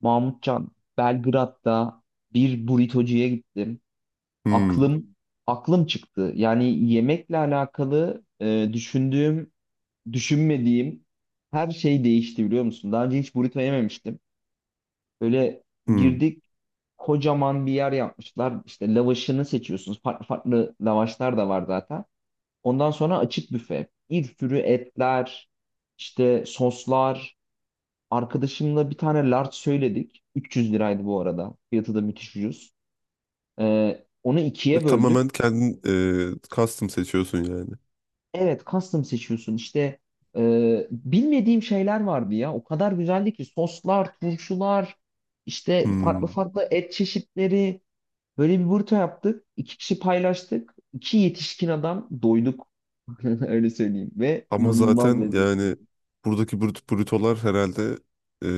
Mahmutcan, Belgrad'da bir burritocuya gittim. Hmm, Aklım aklım çıktı. Yani yemekle alakalı düşündüğüm, düşünmediğim her şey değişti biliyor musun? Daha önce hiç burrito yememiştim. Böyle hmm. girdik, kocaman bir yer yapmışlar. İşte lavaşını seçiyorsunuz. Farklı farklı lavaşlar da var zaten. Ondan sonra açık büfe. Bir sürü etler, işte soslar. Arkadaşımla bir tane large söyledik. 300 liraydı bu arada. Fiyatı da müthiş ucuz. Onu ikiye böldük. Tamamen kendin custom seçiyorsun yani. Evet custom seçiyorsun. İşte bilmediğim şeyler vardı ya. O kadar güzeldi ki soslar, turşular, işte farklı Hmm. farklı et çeşitleri. Böyle bir burta yaptık. İki kişi paylaştık. İki yetişkin adam doyduk. Öyle söyleyeyim. Ve Ama inanılmaz zaten lezzetli. yani buradaki brutolar herhalde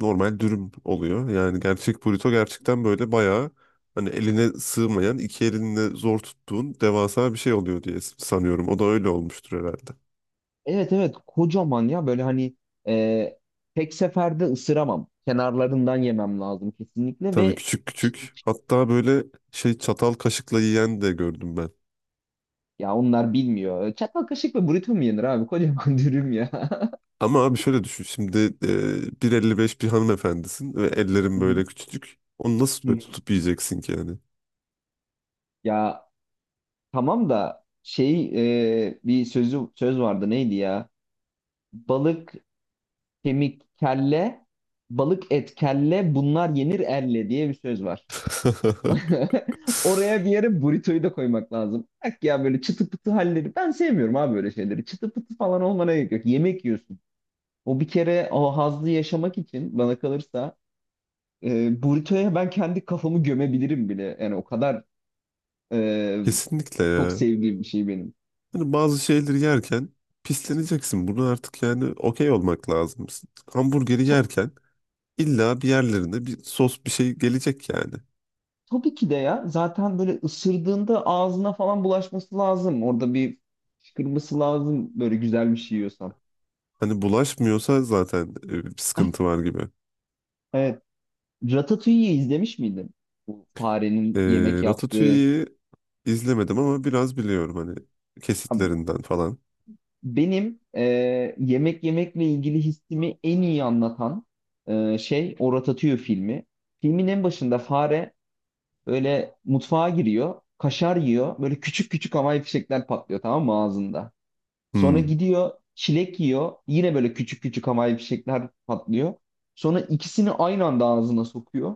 normal dürüm oluyor. Yani gerçek bruto gerçekten böyle bayağı hani eline sığmayan iki elinle zor tuttuğun devasa bir şey oluyor diye sanıyorum. O da öyle olmuştur herhalde. Evet evet, kocaman ya böyle hani e, tek seferde ısıramam. Kenarlarından yemem lazım kesinlikle Tabii ve küçük iç, küçük. iç. Hatta böyle çatal kaşıkla yiyen de gördüm ben. Ya onlar bilmiyor. Çatal kaşık ve burrito mu yenir abi? Kocaman dürüm ya. Ama abi şöyle düşün şimdi 1.55 bir hanımefendisin ve Hı ellerin hı, böyle küçücük. Onu nasıl hı böyle hı. tutup yiyeceksin ki yani? Ya tamam da şey, bir söz vardı, neydi ya? Balık kemik kelle, balık et kelle, bunlar yenir elle diye bir söz var. Oraya bir yere burrito'yu da koymak lazım. Bak ya böyle çıtı pıtı halleri. Ben sevmiyorum abi böyle şeyleri. Çıtı pıtı falan olmana gerek yok. Yemek yiyorsun. O bir kere, o hazzı yaşamak için bana kalırsa burrito'ya ben kendi kafamı gömebilirim bile. Yani o kadar e, Kesinlikle çok ya. sevdiğim bir şey benim. Hani bazı şeyleri yerken pisleneceksin. Bunu artık yani okey olmak lazım. Hamburgeri To- yerken illa bir yerlerinde bir sos bir şey gelecek yani. tabii ki de ya, zaten böyle ısırdığında ağzına falan bulaşması lazım. Orada bir fışkırması lazım böyle güzel bir şey yiyorsan. Hani bulaşmıyorsa zaten bir sıkıntı var gibi. Evet. Ratatouille'yi izlemiş miydin? Bu E, farenin yemek yaptığı. Ratatouille'yi izlemedim ama biraz biliyorum hani Abi, kesitlerinden falan. benim yemek yemekle ilgili hissimi en iyi anlatan şey o Ratatouille filmi. Filmin en başında fare böyle mutfağa giriyor, kaşar yiyor. Böyle küçük küçük havai fişekler patlıyor, tamam mı, ağzında. Sonra Hmm. gidiyor çilek yiyor. Yine böyle küçük küçük havai fişekler patlıyor. Sonra ikisini aynı anda ağzına sokuyor.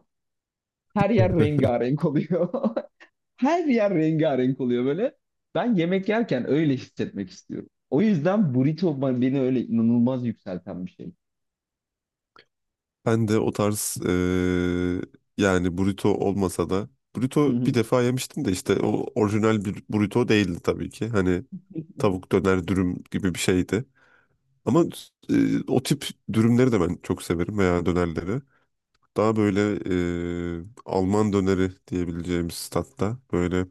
Her yer rengarenk oluyor. Her yer rengarenk oluyor böyle. Ben yemek yerken öyle hissetmek istiyorum. O yüzden burrito beni öyle inanılmaz yükselten bir şey. Ben de o tarz yani burrito olmasa da Hı burrito bir hı. defa yemiştim de işte o orijinal bir burrito değildi tabii ki. Hani tavuk döner dürüm gibi bir şeydi. Ama eee, o tip dürümleri de ben çok severim veya dönerleri. Daha böyle Alman döneri diyebileceğimiz tatta böyle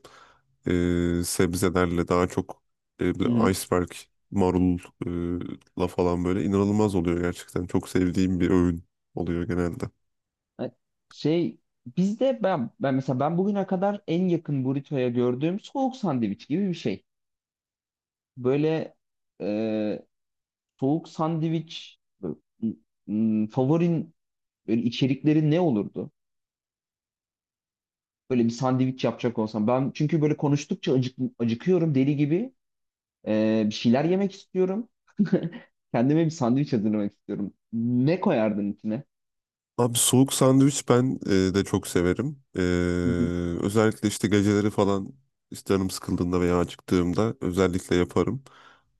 sebzelerle daha çok Hı hı. böyle iceberg marulla falan böyle inanılmaz oluyor gerçekten. Çok sevdiğim bir öğün oluyor genelde. E, Şey bizde ben ben mesela ben bugüne kadar en yakın burrito'ya gördüğüm soğuk sandviç gibi bir şey. Böyle e, soğuk sandviç böyle, m- favorin böyle, içerikleri ne olurdu? Böyle bir sandviç yapacak olsam ben, çünkü böyle konuştukça acıkıyorum deli gibi. Bir şeyler yemek istiyorum. Kendime bir sandviç hazırlamak istiyorum. Ne koyardın içine? Abi soğuk sandviç ben de çok severim. Hı hı. Özellikle işte geceleri falan işte canım sıkıldığında veya acıktığımda özellikle yaparım.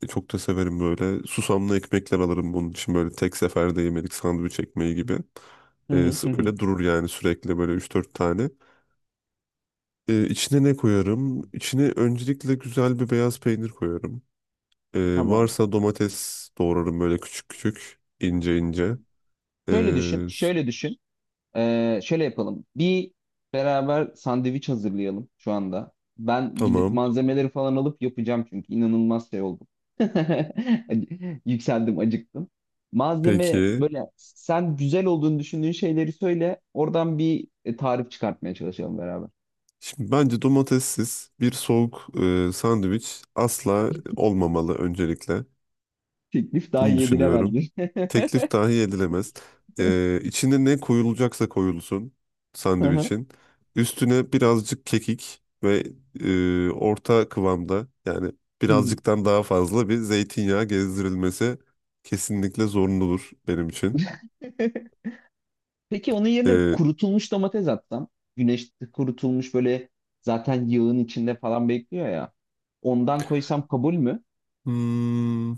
Çok da severim böyle. Susamlı ekmekler alırım bunun için böyle tek seferde yemelik sandviç ekmeği gibi. Hı hı, hı hı. Öyle durur yani sürekli böyle 3-4 tane. İçine ne koyarım? İçine öncelikle güzel bir beyaz peynir koyarım. Tamam. Varsa domates doğrarım böyle küçük küçük ince ince. E, Şöyle düşün, s- şöyle düşün. Şöyle yapalım. Beraber sandviç hazırlayalım şu anda. Ben gidip tamam malzemeleri falan alıp yapacağım, çünkü inanılmaz şey oldum. Yükseldim, acıktım. Malzeme peki. böyle, sen güzel olduğunu düşündüğün şeyleri söyle. Oradan bir tarif çıkartmaya çalışalım beraber. Şimdi bence domatessiz bir soğuk sandviç asla olmamalı öncelikle. Teklif Bunu dahi düşünüyorum. edilemezdi. Teklif dahi edilemez. İçine ne koyulacaksa koyulsun sandviçin. Üstüne birazcık kekik ve orta kıvamda yani Hı hı. birazcıktan daha fazla bir zeytinyağı gezdirilmesi kesinlikle zorunludur benim için. Peki onun yerine E, kurutulmuş domates atsam, güneşte kurutulmuş böyle, zaten yağın içinde falan bekliyor ya, ondan koysam kabul mü? hmm,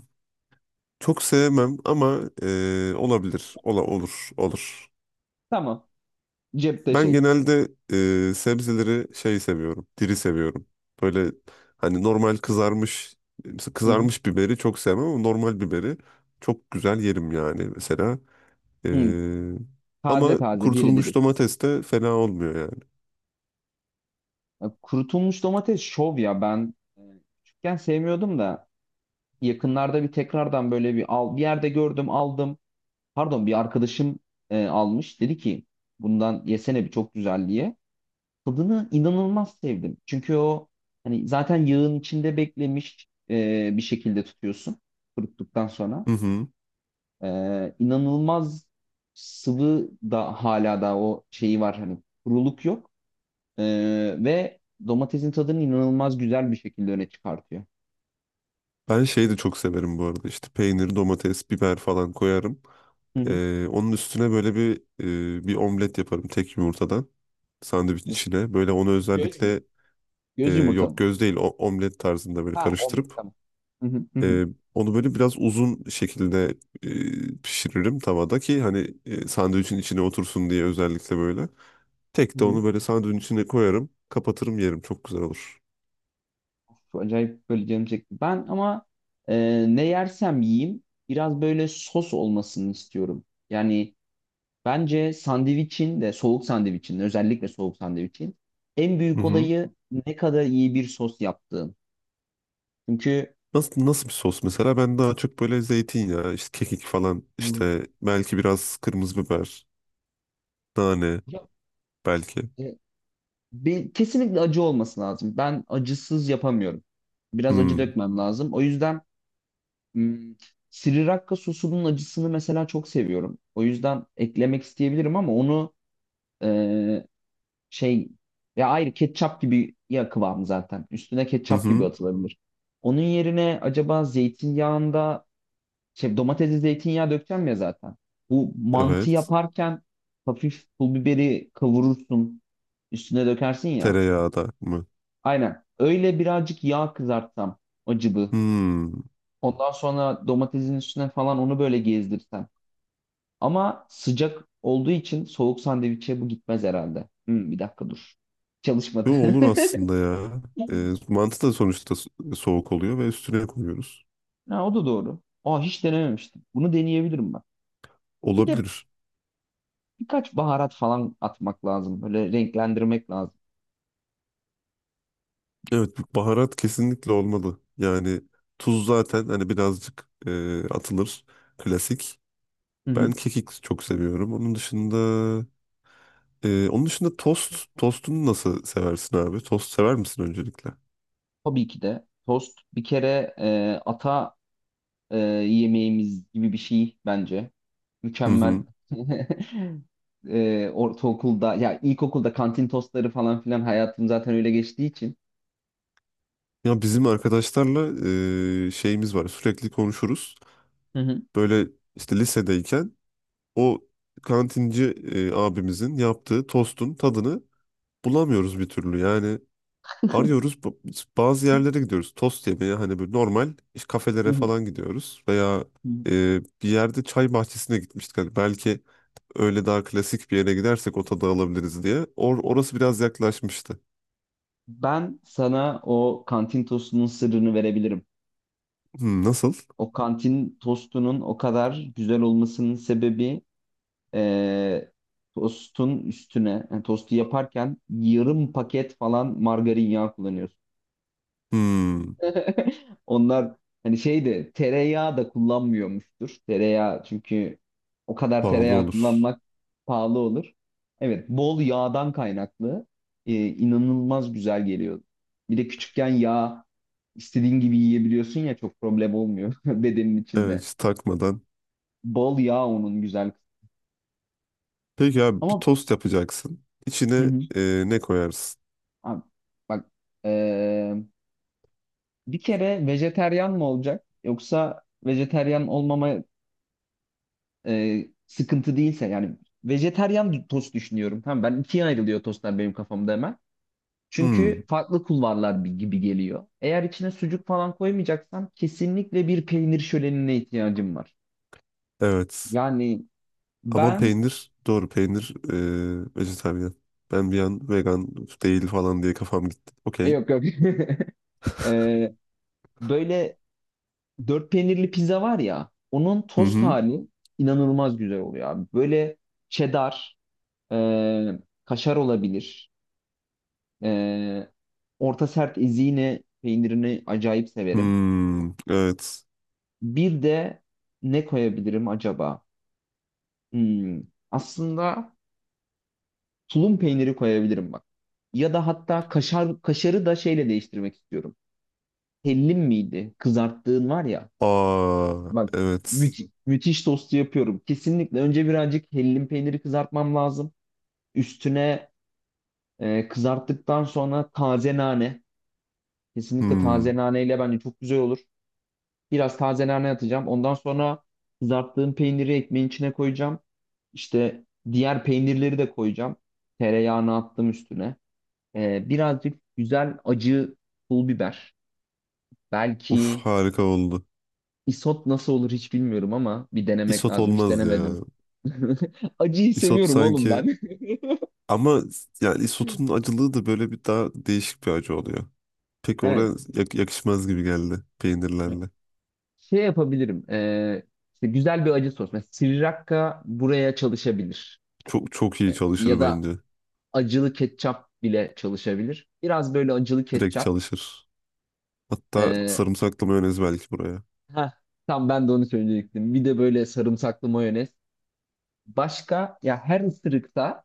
çok sevmem ama olabilir. Olur, olur. Tamam. Cepte Ben şey. genelde sebzeleri şey seviyorum, diri seviyorum. Böyle hani mesela Hı hı. kızarmış biberi çok sevmem ama normal biberi çok güzel yerim yani mesela. E, Hı. Taze Ama taze, diri kurutulmuş diri. domates de fena olmuyor yani. Ya kurutulmuş domates şov ya, ben küçükken sevmiyordum da yakınlarda bir tekrardan böyle bir yerde gördüm, aldım. Pardon, bir arkadaşım almış, dedi ki bundan yesene bir, çok güzel diye. Tadını inanılmaz sevdim. Çünkü o, hani zaten yağın içinde beklemiş, bir şekilde tutuyorsun kuruttuktan sonra. Hı hı. E, inanılmaz sıvı da hala da o şeyi var, hani kuruluk yok. E, ve domatesin tadını inanılmaz güzel bir şekilde öne çıkartıyor. Ben şeyi de çok severim bu arada işte peynir, domates, biber falan koyarım. Hı hı. Onun üstüne böyle bir omlet yaparım tek yumurtadan sandviç içine. Böyle onu Göz mü? özellikle Göz yumurta yok mı? göz değil o, omlet tarzında böyle Ha, omlet, karıştırıp tamam. Hı hı, hı hı, Ee, onu böyle biraz uzun şekilde pişiririm tavada ki hani sandviçin içine otursun diye özellikle böyle. hı Tek de hı. onu böyle sandviçin içine koyarım, kapatırım yerim. Çok güzel olur. Çok acayip böyle canım çekti. Ben ama ne yersem yiyeyim biraz böyle sos olmasını istiyorum. Yani bence sandviçin de, soğuk sandviçin, özellikle soğuk sandviçin en Hı büyük hı. olayı ne kadar iyi bir sos yaptığın. Çünkü. Nasıl, nasıl bir sos mesela? Ben daha çok böyle zeytinyağı, işte kekik falan, Hı. işte belki biraz kırmızı biber, nane Ya, belki. e, kesinlikle acı olması lazım. Ben acısız yapamıyorum. Biraz acı Hmm. dökmem lazım. O yüzden hmm, Sriracha sosunun acısını mesela çok seviyorum. O yüzden eklemek isteyebilirim, ama onu e, şey, ya ayrı ketçap gibi ya kıvamı zaten. Üstüne Hı ketçap gibi hı. atılabilir. Onun yerine acaba zeytinyağında şey, domatesli zeytinyağı dökeceğim ya zaten. Bu, mantı Evet. yaparken hafif pul biberi kavurursun, üstüne dökersin ya. Tereyağı da mı? Aynen. Öyle birazcık yağ kızartsam, acıbı. Hmm. Ondan sonra domatesin üstüne falan onu böyle gezdirsem. Ama sıcak olduğu için soğuk sandviçe bu gitmez herhalde. Bir dakika dur. Çalışmadı. Yo, olur aslında ya. Mantı da sonuçta soğuk oluyor ve üstüne koyuyoruz. Ha, o da doğru. Aa, hiç denememiştim. Bunu deneyebilirim ben. Bir de Olabilir. birkaç baharat falan atmak lazım. Böyle renklendirmek lazım. Evet, bu baharat kesinlikle olmalı. Yani tuz zaten hani birazcık atılır. Klasik. Hı Ben hı. kekik çok seviyorum. Onun dışında tost. Tostunu nasıl seversin abi? Tost sever misin öncelikle? Tabii ki de tost bir kere ata yemeğimiz gibi bir şey bence. Hı Mükemmel. hı. Ortaokulda ya ilkokulda kantin tostları falan filan, hayatım zaten öyle geçtiği için. Ya bizim arkadaşlarla şeyimiz var. Sürekli konuşuruz. Hı hı. Böyle işte lisedeyken o kantinci abimizin yaptığı tostun tadını bulamıyoruz bir türlü. Yani arıyoruz. Bazı yerlere gidiyoruz. Tost yemeye hani böyle normal işte kafelere Hı falan gidiyoruz. Veya hı. Bir yerde çay bahçesine gitmiştik. Hani belki öyle daha klasik bir yere gidersek o tadı alabiliriz diye. Orası biraz yaklaşmıştı. Ben sana o kantin tostunun sırrını verebilirim. Hmm, nasıl? O kantin tostunun o kadar güzel olmasının sebebi, e, tostun üstüne, yani tostu yaparken yarım paket falan margarin yağı kullanıyorsun. Hmm, Onlar hani şey de, tereyağı da kullanmıyormuştur. Tereyağı, çünkü o kadar pahalı tereyağı olur. kullanmak pahalı olur. Evet, bol yağdan kaynaklı inanılmaz güzel geliyor. Bir de küçükken yağ istediğin gibi yiyebiliyorsun ya, çok problem olmuyor bedenin Evet içinde. hiç takmadan. Bol yağ, onun güzel kısmı. Peki abi bir Ama tost yapacaksın. hı İçine hı. Ne koyarsın? Abi, bak, eee, bir kere vejeteryan mı olacak yoksa vejeteryan olmama sıkıntı değilse, yani vejeteryan tost düşünüyorum. Tamam, ben, ikiye ayrılıyor tostlar benim kafamda hemen. Hmm, Çünkü farklı kulvarlar gibi geliyor. Eğer içine sucuk falan koymayacaksan, kesinlikle bir peynir şölenine ihtiyacım var. evet. Yani Ama ben, peynir doğru peynir vejetaryen. Ben bir an vegan değil falan diye kafam gitti. Okey. yok yok. Eee, böyle dört peynirli pizza var ya, onun Hı tost hı. hali inanılmaz güzel oluyor abi. Böyle cheddar, e, kaşar olabilir. E, orta sert ezine peynirini acayip severim. Hmm, evet. Bir de ne koyabilirim acaba? Hmm, aslında tulum peyniri koyabilirim bak. Ya da hatta kaşarı da şeyle değiştirmek istiyorum. Hellim miydi? Kızarttığın var ya. Aa, Bak, evet. Müthiş tostu yapıyorum. Kesinlikle önce birazcık hellim peyniri kızartmam lazım. Üstüne, kızarttıktan sonra taze nane. Kesinlikle taze Hmm. naneyle bence çok güzel olur. Biraz taze nane atacağım. Ondan sonra kızarttığım peyniri ekmeğin içine koyacağım. İşte diğer peynirleri de koyacağım. Tereyağını attım üstüne. Birazcık güzel acı pul biber. Uf Belki harika oldu. isot nasıl olur hiç bilmiyorum, ama bir denemek Isot lazım. Hiç olmaz ya. denemedim. Acıyı Isot seviyorum oğlum sanki ben. ama yani isotun acılığı da böyle bir daha değişik bir acı oluyor. Pek Evet. oraya yakışmaz gibi geldi peynirlerle. Şey yapabilirim. İşte güzel bir acı sos. Mesela Sriracha buraya çalışabilir. Çok çok iyi Ya çalışır da bence. acılı ketçap bile çalışabilir. Biraz böyle acılı Direkt ketçap. çalışır. Hatta Ee, sarımsaklı mayonez belki buraya. heh, tam ben de onu söyleyecektim. Bir de böyle sarımsaklı mayonez. Başka, ya her ısırıkta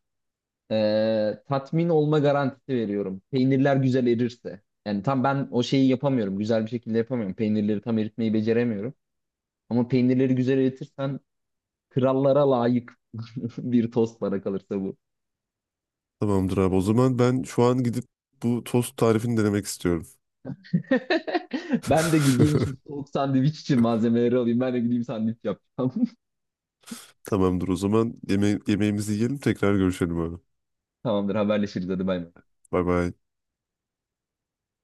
Tatmin olma garantisi veriyorum. Peynirler güzel erirse. Yani tam ben o şeyi yapamıyorum. Güzel bir şekilde yapamıyorum. Peynirleri tam eritmeyi beceremiyorum. Ama peynirleri güzel eritirsen krallara layık bir tost bana kalırsa bu. Tamamdır abi. O zaman ben şu an gidip bu tost tarifini denemek istiyorum. Ben de gideyim şimdi soğuk sandviç için malzemeleri alayım. Ben de gideyim sandviç yapacağım. Tamamdır o zaman. Yemeğimizi yiyelim tekrar görüşelim abi. Tamamdır, haberleşiriz, hadi bay bay. Bay bay.